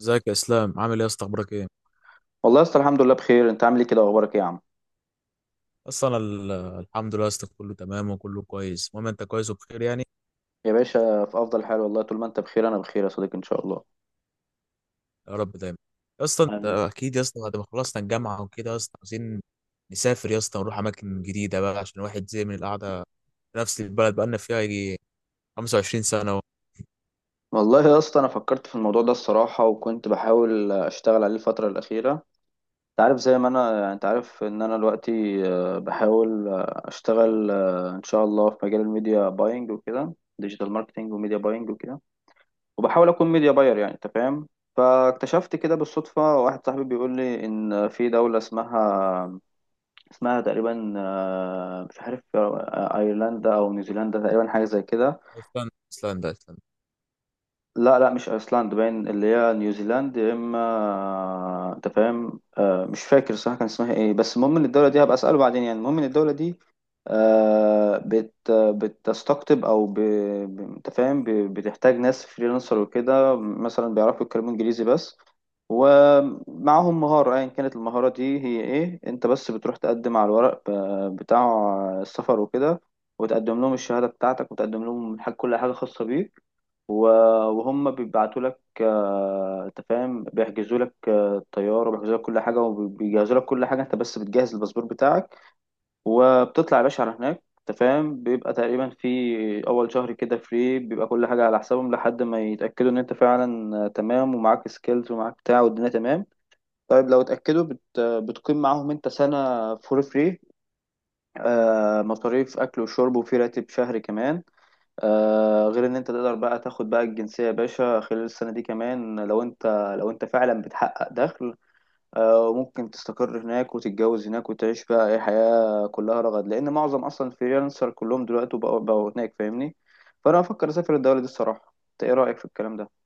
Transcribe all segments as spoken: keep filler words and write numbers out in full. ازيك يا اسلام، عامل ايه يا اسطى؟ اخبارك ايه؟ والله يا اسطى، الحمد لله بخير. انت عامل ايه كده واخبارك ايه يا عم؟ اصلا ال- الحمد لله يا اسطى، كله تمام وكله كويس. المهم انت كويس وبخير يعني. يا باشا، في افضل حال والله. طول ما انت بخير انا بخير يا صديقي ان شاء الله. يا رب دايما. يا اسطى انت حبيبي. اكيد يا اسطى، بعد ما خلصنا الجامعه وكده يا اسطى، عايزين نسافر يا اسطى ونروح اماكن جديده بقى، عشان الواحد زي من القعده في نفس البلد بقالنا فيها يجي خمس وعشرين سنه اهو. والله يا اسطى، انا فكرت في الموضوع ده الصراحه وكنت بحاول اشتغل عليه الفتره الاخيره. انت عارف، زي ما انا انت عارف ان انا دلوقتي آه، بحاول آه، اشتغل آه، ان شاء الله في مجال الميديا باينج وكده، ديجيتال ماركتنج وميديا باينج وكده. وبحاول اكون ميديا باير يعني، انت فاهم. فاكتشفت كده بالصدفه، واحد صاحبي بيقول لي ان في دوله اسمها اسمها تقريبا آه، مش عارف آه، ايرلندا او نيوزيلندا، تقريبا حاجه زي كده. ايسلندا ايسلندا ايسلندا لا، لا، مش ايسلاند باين اللي هي نيوزيلاند يا اما، آه، انت فاهم. مش فاكر صراحة كان اسمها ايه، بس المهم ان الدولة دي هبقى اسأله بعدين يعني. المهم ان الدولة دي آه، بت بتستقطب او ب... ب- انت فاهم ب... بتحتاج ناس فريلانسر وكده، مثلا بيعرفوا يتكلموا انجليزي بس. ومعاهم مهارة، ايا كانت المهارة دي هي ايه، انت بس بتروح تقدم على الورق ب- بتاع السفر وكده. وتقدم لهم الشهادة بتاعتك، وتقدم لهم حاجة، كل حاجة خاصة بيك و- وهم بيبعتوا لك، آه، انت فاهم، بيحجزوا لك آه، الطياره وبيحجزوا لك كل حاجه وبيجهزوا لك كل حاجه. انت بس بتجهز الباسبور بتاعك، وبتطلع يا باشا على هناك. انت فاهم، بيبقى تقريبا في اول شهر كده فري، بيبقى كل حاجه على حسابهم لحد ما يتاكدوا ان انت فعلا آه، تمام ومعاك سكيلز ومعاك بتاع والدنيا تمام. طيب لو اتاكدوا، بت... بتقيم معاهم انت سنه فور فري. آه، مصاريف اكل وشرب وفي راتب شهري كمان. آه غير ان انت تقدر بقى تاخد بقى الجنسية يا باشا خلال السنة دي كمان، لو انت لو انت فعلا بتحقق دخل. آه ممكن تستقر هناك وتتجوز هناك وتعيش بقى اي حياة كلها رغد، لان معظم اصلا الفريلانسر كلهم دلوقتي بقوا, بقوا هناك، فاهمني. فانا افكر اسافر الدولة دي الصراحة. انت ايه رأيك في الكلام ده؟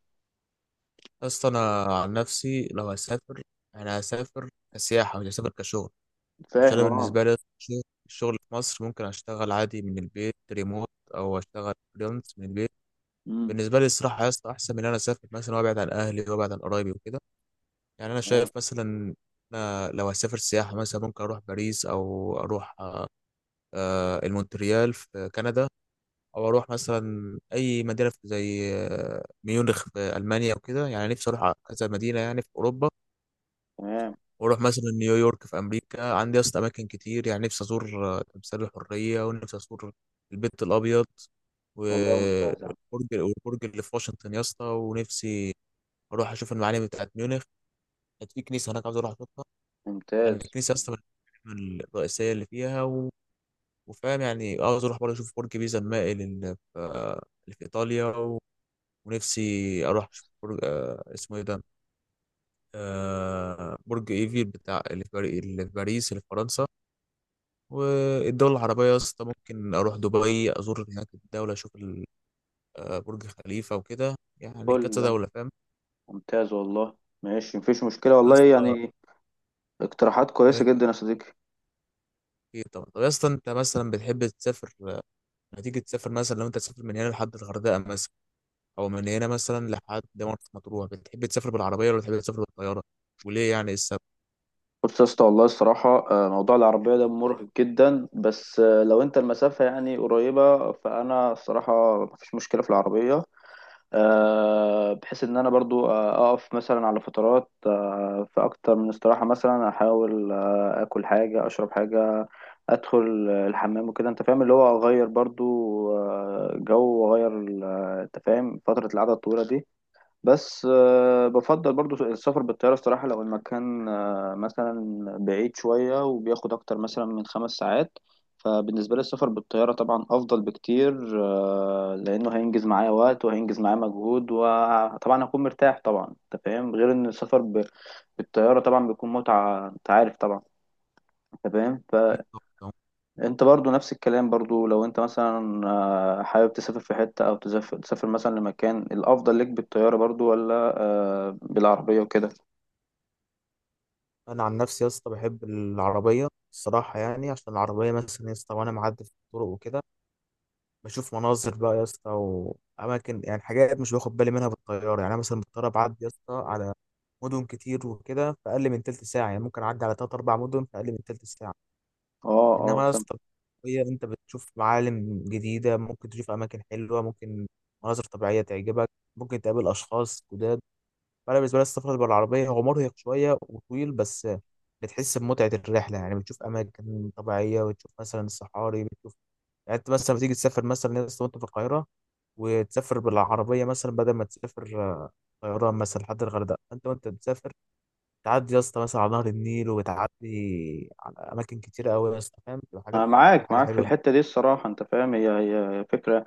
يا اسطى انا عن نفسي لو هسافر، انا هسافر كسياحه، مش هسافر كشغل. عشان فاهم، انا اه. بالنسبه لي يا اسطى، الشغل الشغل في مصر ممكن اشتغل عادي من البيت ريموت، او اشتغل فريلانس من البيت. امم. بالنسبه لي الصراحه يا اسطى احسن من ان انا اسافر مثلا وابعد عن اهلي وابعد عن قرايبي وكده. يعني انا تمام شايف مثلا، أنا لو هسافر سياحه مثلا ممكن اروح باريس، او اروح آه، المونتريال في كندا، او اروح مثلا اي مدينه في- زي آه، ميونخ في المانيا وكده. يعني نفسي اروح كذا مدينه يعني في اوروبا، تمام. واروح مثلا نيويورك في امريكا. عندي اصلا اماكن كتير يعني، نفسي ازور آه، تمثال الحريه، ونفسي ازور البيت الابيض والله و- ممتاز يا عم. والبرج والبرج اللي في واشنطن يا اسطى. ونفسي اروح اشوف المعالم بتاعت ميونخ. كانت في كنيسه هناك عاوز اروح اشوفها. يعني ممتاز. الكنيسه اصلا من المعالم الرئيسيه اللي فيها و... وفاهم يعني. عاوز اروح برضه اشوف برج بيزا المائل اللي في اللي في ايطاليا و... ونفسي اروح اشوف برج، آه، اسمه ايه ده، آه، برج ايفيل بتاع اللي في باري- اللي في باريس اللي في فرنسا. والدول العربيه يا اسطى ممكن اروح دبي ازور هناك الدوله، اشوف ال- آه، برج خليفه وكده. يعني كل كذا ده دوله فاهم ممتاز والله. ماشي، مفيش مشكلة يا والله اسطى. يعني. اقتراحات كويسة جدا يا صديقي. إيه، طبعا. طب يا اسطى، انت مثلا بتحب تسافر؟ هتيجي تسافر مثلا، لو انت تسافر من هنا لحد الغردقه مثلا، او من هنا مثلا لحد مرسى مطروح، بتحب تسافر بالعربيه ولا بتحب تسافر بالطياره؟ وليه يعني السبب؟ بص يا اسطى، والله الصراحة آه، موضوع العربية ده مرهق جدا، بس آه، لو انت المسافة يعني قريبة، فأنا الصراحة مفيش مشكلة في العربية. آه، بحيث إن أنا برضو آه، أقف مثلا على فترات، آه، في أكتر من استراحة، مثلا أحاول آه، آكل حاجة، أشرب حاجة، أدخل آه، الحمام وكده، أنت فاهم، اللي هو أغير برضو آه، جو وأغير ال- آه، أنت فاهم فترة القعدة الطويلة دي. بس آه، بفضل برضو السفر بالطيارة الصراحة لو المكان آه، مثلا بعيد شوية وبياخد أكتر مثلا من خمس ساعات. فبالنسبة لي السفر بالطيارة طبعا أفضل بكتير، آه، لأنه هينجز معايا وقت وهينجز معايا مجهود وطبعا هكون مرتاح طبعا. أنت فاهم، غير إن السفر ب- بالطيارة طبعا بيكون متعة، أنت عارف طبعا. أنت فاهم في ف... طبعاً. انت برضو نفس الكلام برضو، لو انت مثلا آه، حابب تسافر في حتة او تسافر تسافر مثلا لمكان، الافضل ليك بالطيارة برضو ولا آه، بالعربية وكده؟ انا عن نفسي يا اسطى بحب العربيه الصراحه. يعني عشان العربيه مثلا يا اسطى وانا معدي في الطرق وكده، بشوف مناظر بقى يا اسطى واماكن، يعني حاجات مش باخد بالي منها بالطياره. يعني انا مثلا بالطياره بعدي يا اسطى على مدن كتير وكده في اقل من تلت ساعه، يعني ممكن اعدي على تلات اربع مدن في اقل من تلت ساعه. اه، اه، انما يا فاهم. اسطى، هي انت بتشوف معالم جديده، ممكن تشوف اماكن حلوه، ممكن مناظر طبيعيه تعجبك، ممكن تقابل اشخاص جداد. فانا بالنسبه لي السفر بالعربيه هو مرهق شويه وطويل، بس بتحس بمتعه الرحله. يعني بتشوف اماكن طبيعيه، وتشوف مثلا الصحاري، بتشوف يعني. انت مثلا بتيجي تسافر مثلا يا اسطى وانت في القاهره، وتسافر بالعربيه مثلا بدل ما تسافر طيران مثلا لحد الغردقه، انت وانت بتسافر تعدي يا اسطى مثلا على نهر النيل، وتعدي على اماكن كتيره قوي يا اسطى فاهم، بتبقى حاجات، انا بتبقى معاك حاجه معاك في حلوه. الحتة دي الصراحة، انت فاهم، هي هي فكرة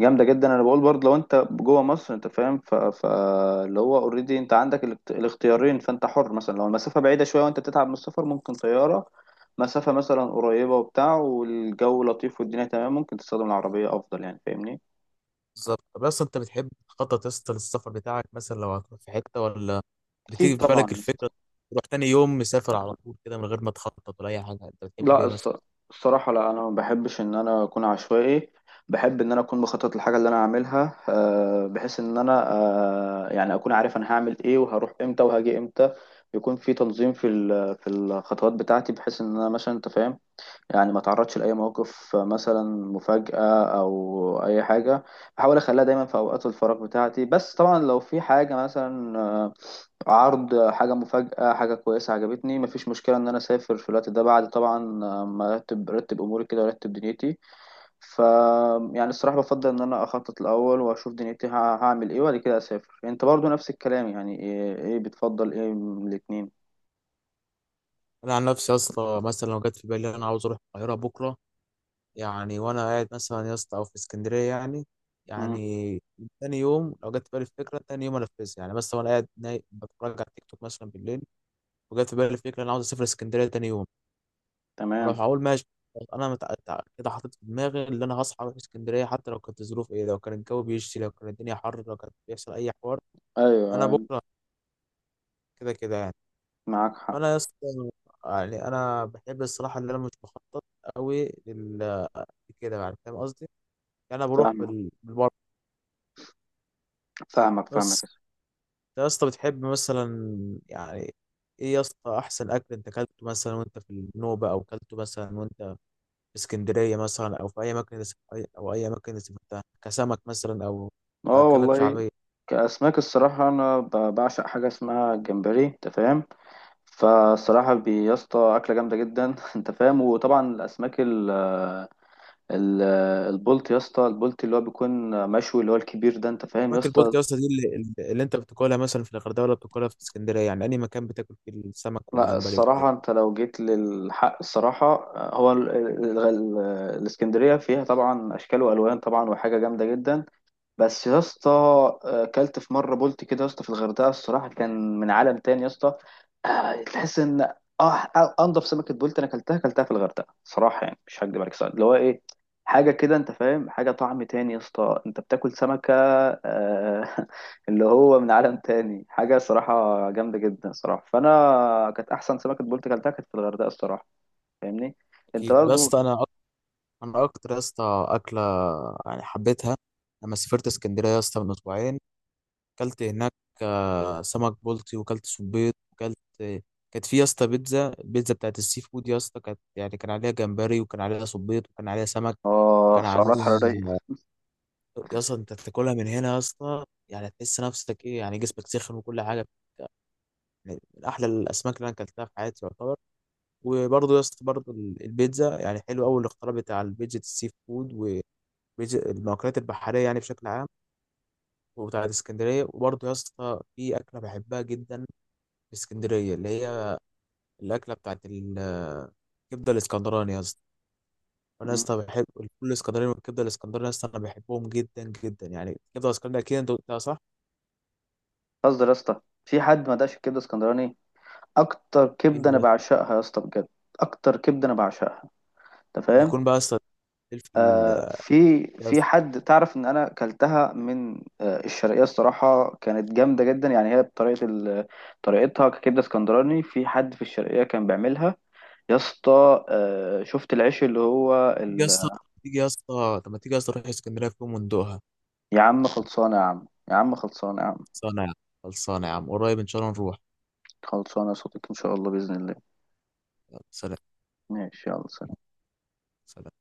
جامدة جدا. انا بقول برضو لو انت جوه مصر، انت فاهم ف... فاللي هو اوريدي انت عندك الاخت- الاختيارين، فانت حر. مثلا لو المسافة بعيدة شوية وانت بتتعب من السفر ممكن طيارة. مسافة مثلا قريبة وبتاع والجو لطيف والدنيا تمام، ممكن تستخدم العربية افضل يعني، فاهمني. بالظبط. طب اصلا انت بتحب تخطط يا اسطى للسفر بتاعك مثلا لو هتروح في حته، ولا أكيد بتيجي في طبعا بالك يا اسطى. الفكره تروح تاني يوم مسافر على طول كده، من غير ما تخطط ولا اي حاجه؟ انت بتحب لا، ايه مثلا؟ الص- الصراحة لا، أنا ما بحبش إن أنا أكون عشوائي. بحب إن أنا أكون بخطط الحاجة اللي أنا هعملها، آه، بحيث إن أنا آه، يعني أكون عارف أنا هعمل إيه وهروح إمتى وهاجي إمتى. يكون في تنظيم في ال- في الخطوات بتاعتي، بحيث إن أنا مثلا، أنت فاهم، يعني ما تعرضش لأي مواقف مثلا مفاجأة أو أي حاجة. بحاول أخليها دايما في أوقات الفراغ بتاعتي. بس طبعا لو في حاجة مثلا آه، عرض حاجة مفاجأة، حاجة كويسة عجبتني، مفيش مشكلة إن أنا أسافر في الوقت ده، بعد طبعا آه، ما أرتب أرتب أموري كده وأرتب دنيتي. ف يعني الصراحة بفضل إن أنا أخطط الأول وأشوف دنيتي ه- هعمل إيه وبعد كده أسافر. أنت برضو نفس الكلام يعني، إيه, إيه بتفضل إيه من الاتنين؟ انا عن نفسي يا اسطى، مثلا لو جت في بالي انا عاوز اروح القاهره بكره، يعني وانا قاعد مثلا يا اسطى، او في اسكندريه يعني، مم. يعني تاني يوم لو جت في بالي الفكره تاني يوم انفذها. يعني مثلا وانا قاعد نايم بتفرج على تيك توك مثلا بالليل، وجت في بالي الفكره انا عاوز اسافر اسكندريه تاني يوم، تمام. اروح اقول ماشي. انا متع... تع- كده حاطط في دماغي اللي انا هصحى اروح اسكندريه، حتى لو كانت الظروف ايه، لو كان الجو بيشتي، لو كانت الدنيا حر، لو كان بيحصل اي حوار، أيوه، انا أيوه. بكره كده كده يعني. معاك حق. فانا يا اسطى، يعني انا بحب الصراحه اللي انا مش بخطط قوي لل كده يعني، فاهم قصدي. يعني انا بروح فاهمك، بال... بالبر فاهمك، فاهمك. بس. انت يا اسطى بتحب مثلا يعني ايه يا اسطى احسن اكل انت اكلته مثلا وانت في النوبه، او اكلته مثلا اسكندرية مثلا، أو في أي مكان، أي- أو أي مكان سافرتها، كسمك مثلا أو اه كأكلات والله. شعبية؟ كأسماك الصراحة، أنا ب- بعشق حاجة اسمها الجمبري، أنت فاهم. فالصراحة بي- يا اسطى أكلة جامدة جدا أنت فاهم. وطبعا الأسماك ال ال البلط يا اسطى، البلط اللي هو بيكون مشوي اللي هو الكبير ده، أنت فاهم يا سمك البلطي اسطى. يا اسطى دي اللي, اللي أنت بتاكلها مثلا في الغردقة، ولا بتاكلها في اسكندرية، يعني أي مكان بتاكل فيه السمك لا، والجمبري وكده؟ الصراحة أنت لو جيت للحق الصراحة، هو ال- ال- ال- الإسكندرية فيها طبعا أشكال وألوان طبعا، وحاجة جامدة جدا. بس يا اسطى، آه، كلت في مره بولت كده يا اسطى في الغردقه الصراحه، كان من عالم تاني يا اسطى. آه، تحس ان اه انضف سمكه بولت انا اكلتها اكلتها في الغردقه صراحه، يعني مش هكدب عليك صراحة. اللي هو ايه، حاجه كده، انت فاهم، حاجه طعم تاني يا اسطى، انت بتاكل سمكه آه، اللي هو من عالم تاني، حاجه صراحه جامده جدا صراحه، فانا كانت احسن سمكه بولت اكلتها كانت في الغردقه الصراحه، فاهمني. انت أكيد. طب يا برضو اسطى أنا أك- أنا أكتر يا اسطى أكلة يعني حبيتها لما سافرت اسكندرية يا اسطى من أسبوعين، اكلت هناك آه، سمك بلطي، وكلت صبيط وكلت. كانت في يا اسطى بيتزا، البيتزا بتاعت السي فود يا اسطى، كانت يعني كان عليها جمبري، وكان عليها صبيط، وكان عليها سمك، اه، وكان عليها سعرات حراريه. يا اسطى. انت بتاكلها من هنا يا اسطى، يعني تحس نفسك ايه، يعني جسمك سخن وكل حاجه. يعني من احلى الاسماك اللي انا اكلتها في حياتي يعتبر. وبرضه يا اسطى، برضه ال- البيتزا، يعني حلو قوي الاختراع بتاع البيتزا السي فود، والمأكولات البحريه يعني بشكل عام، وبتاعت اسكندريه. وبرضه يا اسطى في اكله بحبها جدا اسكندريه، اللي هي الاكله بتاعت ال- الكبده الاسكندراني يا اسطى. انا يا مم. اسطى بحب الفول الاسكندراني والكبده الاسكندراني، يا اسطى انا بحبهم جدا جدا. يعني الكبده الاسكندراني اكيد انت قلتها صح. قصدي يا اسطى، في حد ما دقش الكبده اسكندراني. اكتر إيه كبده انا يا اسطى؟ بعشقها يا اسطى بجد. اكتر كبده انا بعشقها، انت فاهم. يكون بقى يا اسطى الفلفل. آه في يا في اسطى حد، تعرف ان انا كلتها من آه الشرقيه الصراحه، كانت جامده جدا يعني. هي بطريقه ال- طريقتها ككبده اسكندراني، في حد في الشرقيه كان بيعملها. يا اسطى، آه شفت العيش اللي هو تيجي يا ال... اسطى، تيجي يا اسطى، طب ما تيجي يا اسطى نروح اسكندريه في يوم وندوقها. يا عم خلصانه يا عم، يا عم خلصانه يا عم. خلصانه يا عم. خلصانه يا عم قريب ان شاء الله نروح. خلصانه يا صديقي ان شاء الله باذن الله. يلا سلام. ماشي، يلا سلام. سلام.